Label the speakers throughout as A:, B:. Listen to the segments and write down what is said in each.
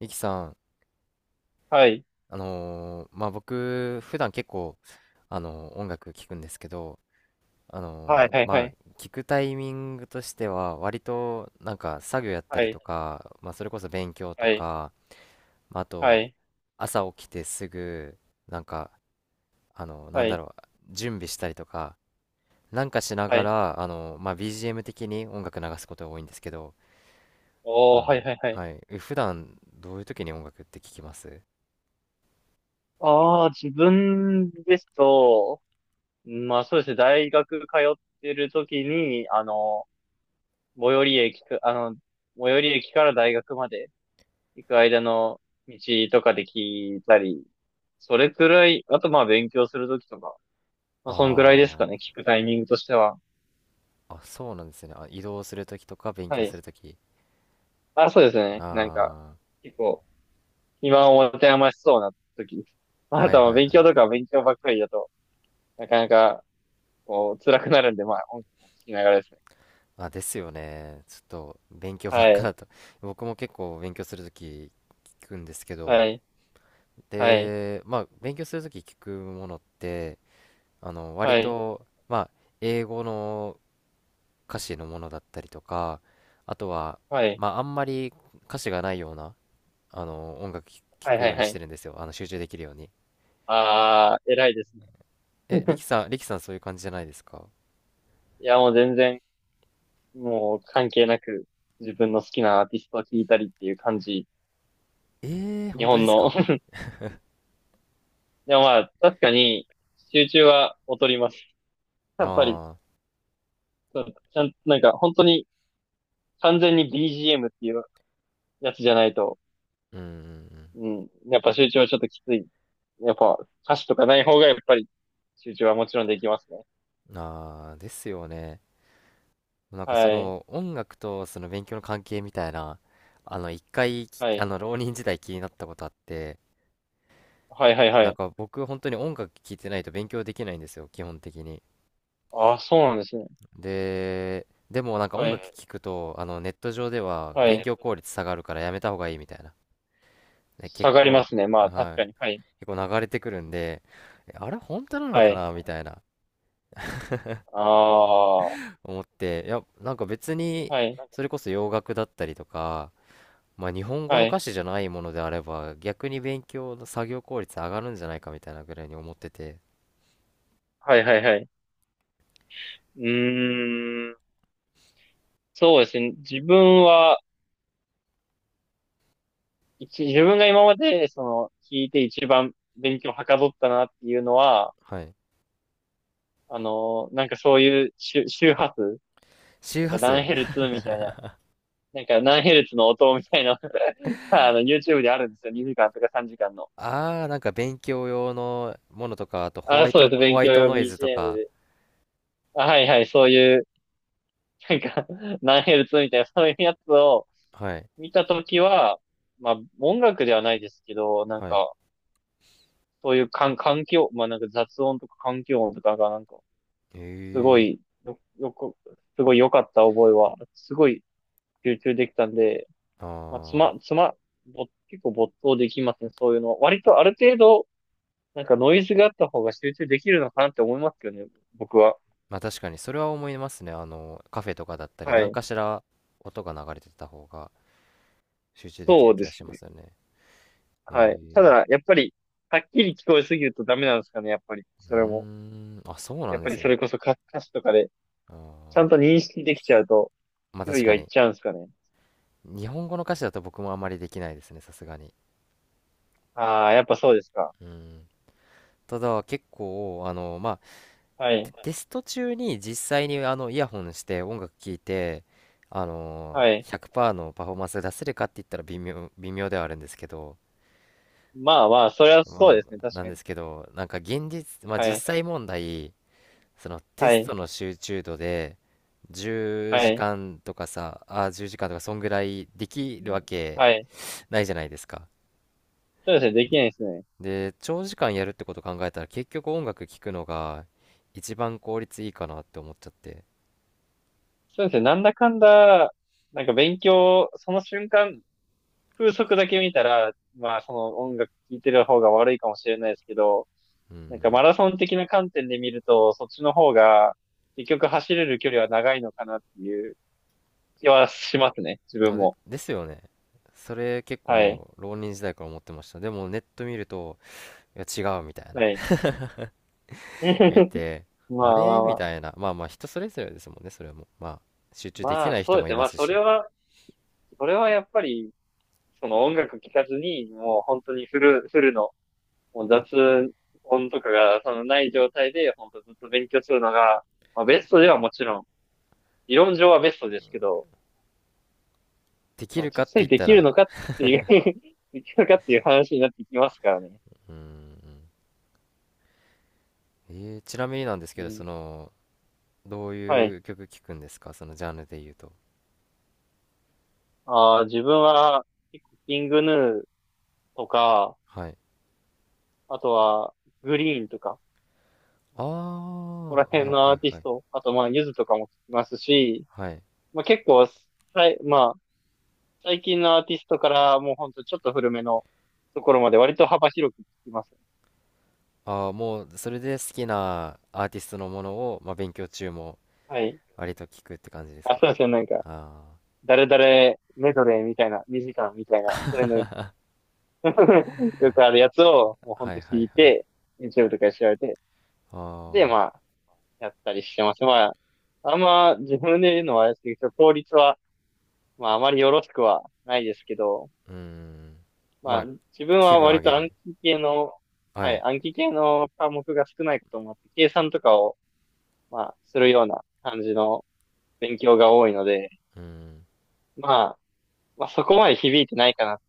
A: ゆきさん、
B: はい。
A: まあ僕、普段結構、音楽聴くんですけど、
B: はい、はい、は
A: まあ
B: い。
A: 聴くタイミングとしては、割となんか作業やった
B: は
A: り
B: い、
A: とか、まあそれこそ勉強と
B: はい、
A: か、まああ
B: は
A: と
B: い、
A: 朝起きてすぐ、なんか、あのー
B: は
A: なんだ
B: い、
A: ろう、準備したりとか、なんかしな
B: は
A: が
B: い。
A: ら、まあ BGM 的に音楽流すことが多いんですけど、あ
B: おー、は
A: の、
B: い、はい、はい。
A: はい、え普段どういう時に音楽って聴きます？
B: ああ、自分ですと、まあそうですね、大学通ってる時に、最寄り駅か、あの、最寄り駅から大学まで行く間の道とかで聞いたり、それくらい、あとまあ勉強する時とか、まあそんくらいです
A: あ
B: かね、
A: あ
B: 聞くタイミングとしては。
A: あ、そうなんですね。あ、移動するときとか勉
B: は
A: 強す
B: い。
A: るとき。
B: あ、そうですね、なんか、
A: あ
B: 結構、暇を持て余しそうな時。
A: あ、
B: まあな
A: はい
B: たは
A: はい
B: 勉
A: はい。
B: 強とか勉強ばっかりだと、なかなか、こう、辛くなるんで、まあ、音楽を聴きながらですね。
A: あ、ですよね。ちょっと勉強ば
B: は
A: っか
B: い、
A: だと。僕も結構勉強するとき聞くんですけど。
B: はい、はい、
A: で、まあ、勉強するとき聞くものって、割
B: はい、
A: と、まあ、英語の歌詞のものだったりとか、あとは、
B: はい、
A: まあ、あんまり歌詞がないような、音楽聞聞
B: はい、
A: く
B: は
A: よ
B: い、
A: うに
B: は
A: し
B: い。
A: てるんですよ。集中できるように。
B: あー、偉いですね。
A: え、リ キさん、リキさんそういう感じじゃないですか？
B: いや、もう全然、もう関係なく、自分の好きなアーティストを聴いたりっていう感じ。
A: ええー、
B: 日
A: 本当で
B: 本
A: す
B: の。
A: か？
B: でもまあ、確かに、集中は劣ります。やっぱり、
A: ああ
B: ちゃんと、なんか、本当に、完全に BGM っていうやつじゃないと、
A: ー、うんうん
B: うん。やっぱ集中はちょっときつい。やっぱ歌詞とかない方がやっぱり集中はもちろんできますね。
A: うん。ああ、ですよね。なんかそ
B: はい。
A: の音楽とその勉強の関係みたいな、あの一回き、
B: は
A: あ
B: い。
A: の浪人時代気になったことあって、
B: はいはいは
A: なん
B: い。
A: か僕本当に音楽聴いてないと勉強できないんですよ、基本的に。
B: ああ、そうなんですね。
A: で、でもなんか
B: は
A: 音楽
B: い。
A: 聴くと、ネット上では
B: は
A: 勉
B: い。
A: 強効率下がるからやめた方がいいみたいな。ね、結
B: 下がりま
A: 構、
B: すね。まあ確
A: は
B: か
A: い、
B: に。はい。
A: 結構流れてくるんで、えあれ本当なの
B: は
A: か
B: い。
A: なみたいな。
B: ああ。は
A: 思って、いや、なんか別に、
B: い。
A: それこそ洋楽だったりとか、まあ日本語
B: は
A: の
B: い。
A: 歌詞じゃないものであれば、逆に勉強の作業効率上がるんじゃないかみたいなぐらいに思ってて、
B: はいはいはい。うーん。そうですね。自分は、自分が今まで、聞いて一番勉強はかどったなっていうのは、
A: はい。
B: なんかそういう周波数、な
A: 周
B: ん
A: 波
B: か
A: 数。
B: 何ヘルツ みたいななんか何ヘルツの音みたいな のが、YouTube であるんですよ。2時間とか3時間の。
A: ああ、なんか勉強用のものとか、あと
B: あ、そうです。
A: ホ
B: 勉
A: ワイ
B: 強
A: ト
B: 用
A: ノイズと
B: BGM
A: か、
B: で。あ、はいはい。そういう、なんか、何ヘルツみたいな、そういうやつを
A: はい、
B: 見たときは、まあ、音楽ではないですけど、なん
A: はい。
B: か、そういう環境、まあなんか雑音とか環境音とかがなんか、すご
A: ええ
B: い、よ、よく、すごい良かった覚えは、すごい集中できたんで、まあ、つ
A: ああ、
B: ま、つま、ぼ、結構没頭できますね、そういうの。割とある程度、なんかノイズがあった方が集中できるのかなって思いますよね、僕は。
A: まあ確かにそれは思いますね。カフェとかだったり、
B: は
A: 何
B: い。
A: かしら音が流れてた方が集中でき
B: そ
A: る
B: う
A: 気
B: で
A: がし
B: す
A: ます
B: ね。
A: よね。
B: はい。た
A: ええ
B: だ、やっぱり、はっきり聞こえすぎるとダメなんですかね、やっぱり。
A: う
B: そ
A: ー
B: れも。
A: ん、あ、そうな
B: やっ
A: んで
B: ぱり
A: す
B: そ
A: ね。
B: れこそ歌詞とかで、
A: あ
B: ちゃ
A: ー
B: んと認識できちゃうと、
A: まあ
B: 注
A: 確
B: 意が
A: か
B: いっ
A: に。
B: ちゃうんですかね。
A: 日本語の歌詞だと僕もあまりできないですね、さすがに。
B: ああ、やっぱそうですか。
A: うん。ただ結構、まあ、
B: は
A: テ
B: い。
A: テスト中に実際にイヤホンして音楽聴いて、あの
B: はい。
A: ひゃくパー、100%のパフォーマンス出せるかって言ったら微妙ではあるんですけど、
B: まあまあ、それはそう
A: ま
B: ですね、
A: あ、
B: 確
A: なん
B: か
A: で
B: に。
A: すけど、なんか現実、まあ
B: は
A: 実
B: い。
A: 際問題、そのテ
B: は
A: ス
B: い。
A: トの集中度で、10
B: は
A: 時
B: い。
A: 間とかさ、あ、10時間とか、そんぐらいできるわけ
B: はい。
A: ないじゃないですか。
B: そうですね、できないですね。
A: で、長時間やるってこと考えたら結局音楽聴くのが一番効率いいかなって思っちゃって。
B: そうですね、なんだかんだ、なんか勉強、その瞬間、風速だけ見たら、まあその音楽聴いてる方が悪いかもしれないですけど、
A: う
B: なんか
A: ん。
B: マラソン的な観点で見ると、そっちの方が結局走れる距離は長いのかなっていう気はしますね、自
A: ま
B: 分
A: あ、で、
B: も。
A: ですよね。それ結構
B: はい。
A: もう浪人時代から思ってました。でもネット見ると、いや違うみたいな
B: はい。
A: 見 て、
B: ま
A: あ
B: あま
A: れ
B: あま
A: みたい
B: あ。
A: な。まあまあ人それぞれですもんね、それも。まあ集中でき
B: まあ
A: ない
B: そ
A: 人
B: うで
A: も
B: す
A: い
B: ね。
A: ま
B: まあ
A: す
B: それ
A: し。
B: は、それはやっぱり、その音楽聴かずに、もう本当にフルの、もう雑音とかがそのない状態で、本当ずっと勉強するのが、まあベストではもちろん、理論上はベストですけど、
A: でき
B: まあ
A: るかっ
B: 実
A: て
B: 際
A: 言っ
B: で
A: た
B: きる
A: ら、
B: のかっていう できるのかっていう話になってきますからね。
A: うーん。えーちなみになんですけ
B: う
A: ど、そ
B: ん。
A: の、どう
B: はい。
A: いう曲聴くんですかそのジャンルで言うと？
B: あー自分は結構キングヌーとか、
A: はい。
B: あとはグリーンとか、
A: あ
B: そこら
A: あ、は
B: 辺
A: い
B: の
A: は
B: ア
A: い
B: ーティ
A: は
B: ス
A: い。
B: ト、あとまあユズとかも聞きますし、
A: はい。
B: まあ結構まあ最近のアーティストからもうほんとちょっと古めのところまで割と幅広く聞きます。
A: ああ、もう、それで好きなアーティストのものを、まあ、勉強中も
B: はい。
A: 割と聞くって感じです
B: あ、
A: か？
B: そうですね。なんか、
A: あ
B: 誰々メドレーみたいな、2時間みたいな、そういうの よくあるやつを、もうほ
A: あ、
B: ん
A: はい
B: と
A: はいは
B: 聞
A: い。
B: いて、YouTube とかで調べて、で、
A: ああ、
B: まあ、やったりしてます。まあ、あんま自分で言うのはあれですけど、効率は、まあ、あまりよろしくはないですけど、
A: うーん。
B: ま
A: ま
B: あ、
A: あ、
B: 自分
A: 気
B: は
A: 分上
B: 割
A: げ
B: と暗
A: る。
B: 記系の、
A: は
B: はい、
A: い。
B: 暗記系の科目が少ないこともあって、計算とかを、まあ、するような感じの勉強が多いので、
A: うん。
B: まあ、そこまで響いてないかな。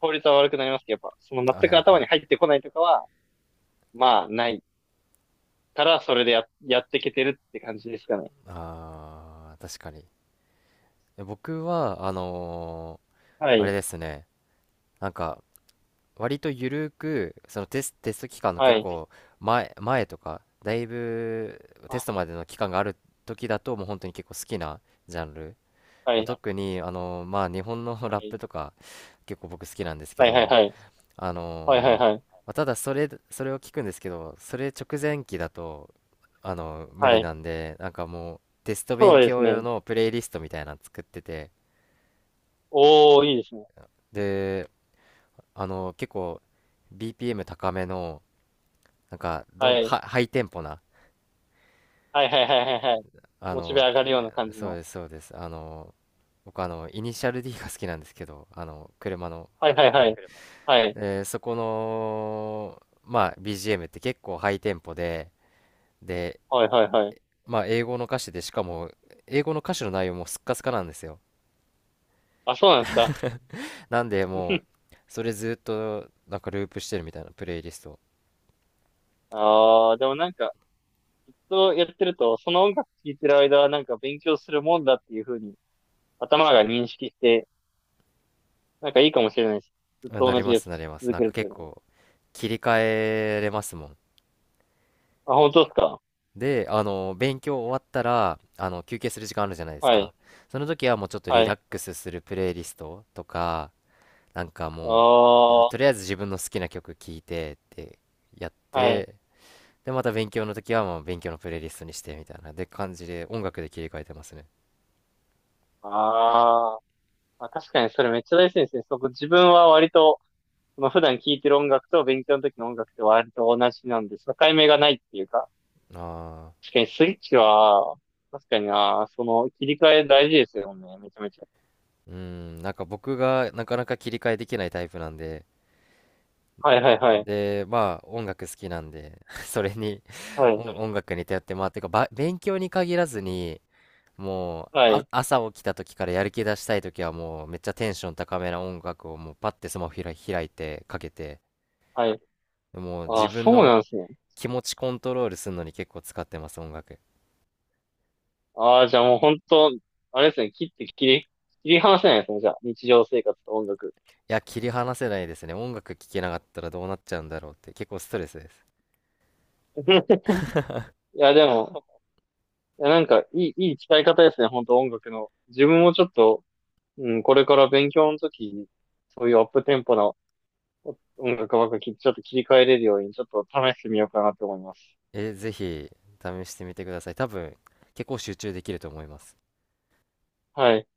B: 効率は悪くなりますけど、やっぱ、その
A: は
B: 全く
A: いは
B: 頭
A: い。
B: に入ってこないとかは、まあ、ないからそれでやっていけてるって感じですかね。
A: ああ、確かに。え僕は、
B: は
A: あれ
B: い。
A: ですね。なんか、割とゆるく、そのテスト期間の結
B: はい。
A: 構前とか、だいぶテストまでの期間がある時だと、もう本当に結構好きなジャンル。
B: は
A: まあ
B: い。
A: 特に、まあ日本の
B: は
A: ラッ
B: い。
A: プとか結構僕好きなんですけ
B: はい。はい。
A: ど、
B: はい。
A: あ
B: はい。
A: の
B: は
A: ー
B: い。
A: まあただそれを聞くんですけど、それ直前期だと、無
B: は
A: 理
B: い。
A: なんで、なんかもうテスト
B: そ
A: 勉
B: うです
A: 強用
B: ね。
A: のプレイリストみたいなの作ってて、
B: おー、いいですね。
A: で、結構 BPM 高めの、なんかどん
B: はい。
A: はハイテンポな
B: はい。はい。はい。はい。はい。モチベ上がるような感じ
A: そう
B: の。
A: ですそうです僕イニシャル D が好きなんですけど車の、
B: はい。はい。はい。はい。
A: えーそこのまあ BGM って結構ハイテンポでで
B: はい。はい。はい。
A: まあ英語の歌詞でしかも英語の歌詞の内容もスッカスカなんですよ。
B: あ、そうなんですか。
A: なんでもう それずっとなんかループしてるみたいなプレイリスト、
B: ああ、でもなんか、そうやってると、その音楽聴いてる間はなんか勉強するもんだっていう風に頭が認識して、なんかいいかもしれないです。ずっ
A: あ
B: と
A: なり
B: 同じ
A: ま
B: やつ
A: すなります
B: 続
A: なん
B: ける
A: か
B: っていう
A: 結
B: のは。
A: 構切り替えれますもん。
B: あ、本当ですか？
A: で、勉強終わったら、休憩する時間あるじゃないです
B: は
A: か。
B: い。
A: その時はもうちょっとリ
B: は
A: ラ
B: い。
A: ックスするプレイリストとか、なんかもう、
B: おー、
A: とりあえず自分の好きな曲聴いてってやっ
B: はい。
A: て、で、また勉強の時はもう勉強のプレイリストにしてみたいな、で感じで音楽で切り替えてますね。
B: あー、あ、確かにそれめっちゃ大事ですね。そこ自分は割と、まあ、普段聴いてる音楽と勉強の時の音楽って割と同じなんで、境目がないっていうか、
A: ああ、
B: 確かにスイッチは、確かにな、その切り替え大事ですよね、めちゃめちゃ。
A: うん、なんか僕がなかなか切り替えできないタイプなんで、
B: はいはいはい。
A: で、まあ音楽好きなんで、それに
B: はい、
A: 音楽に頼って、まあ、てかば、勉強に限らずに、もう
B: は
A: あ
B: い、
A: 朝起きた時からやる気出したい時はもうめっちゃテンション高めな音楽をもうパッてスマホ開いてかけて
B: はい。
A: もう
B: あ
A: 自
B: あ
A: 分
B: そう
A: の
B: なんですね。
A: 気持ちコントロールするのに結構使ってます。音楽い
B: ああじゃあもう本当、あれですね、切って切り、切り離せないですね、じゃあ、日常生活と音楽。
A: や切り離せないですね、音楽聴けなかったらどうなっちゃうんだろうって結構ストレスです。
B: いや、でも、いや、なんか、いい使い方ですね、本当音楽の。自分もちょっと、うん、これから勉強の時に、そういうアップテンポな音楽ばっかり、ちょっと切り替えれるように、ちょっと試してみようかなと思います。
A: えぜひ試してみてください、多分結構集中できると思います。
B: はい。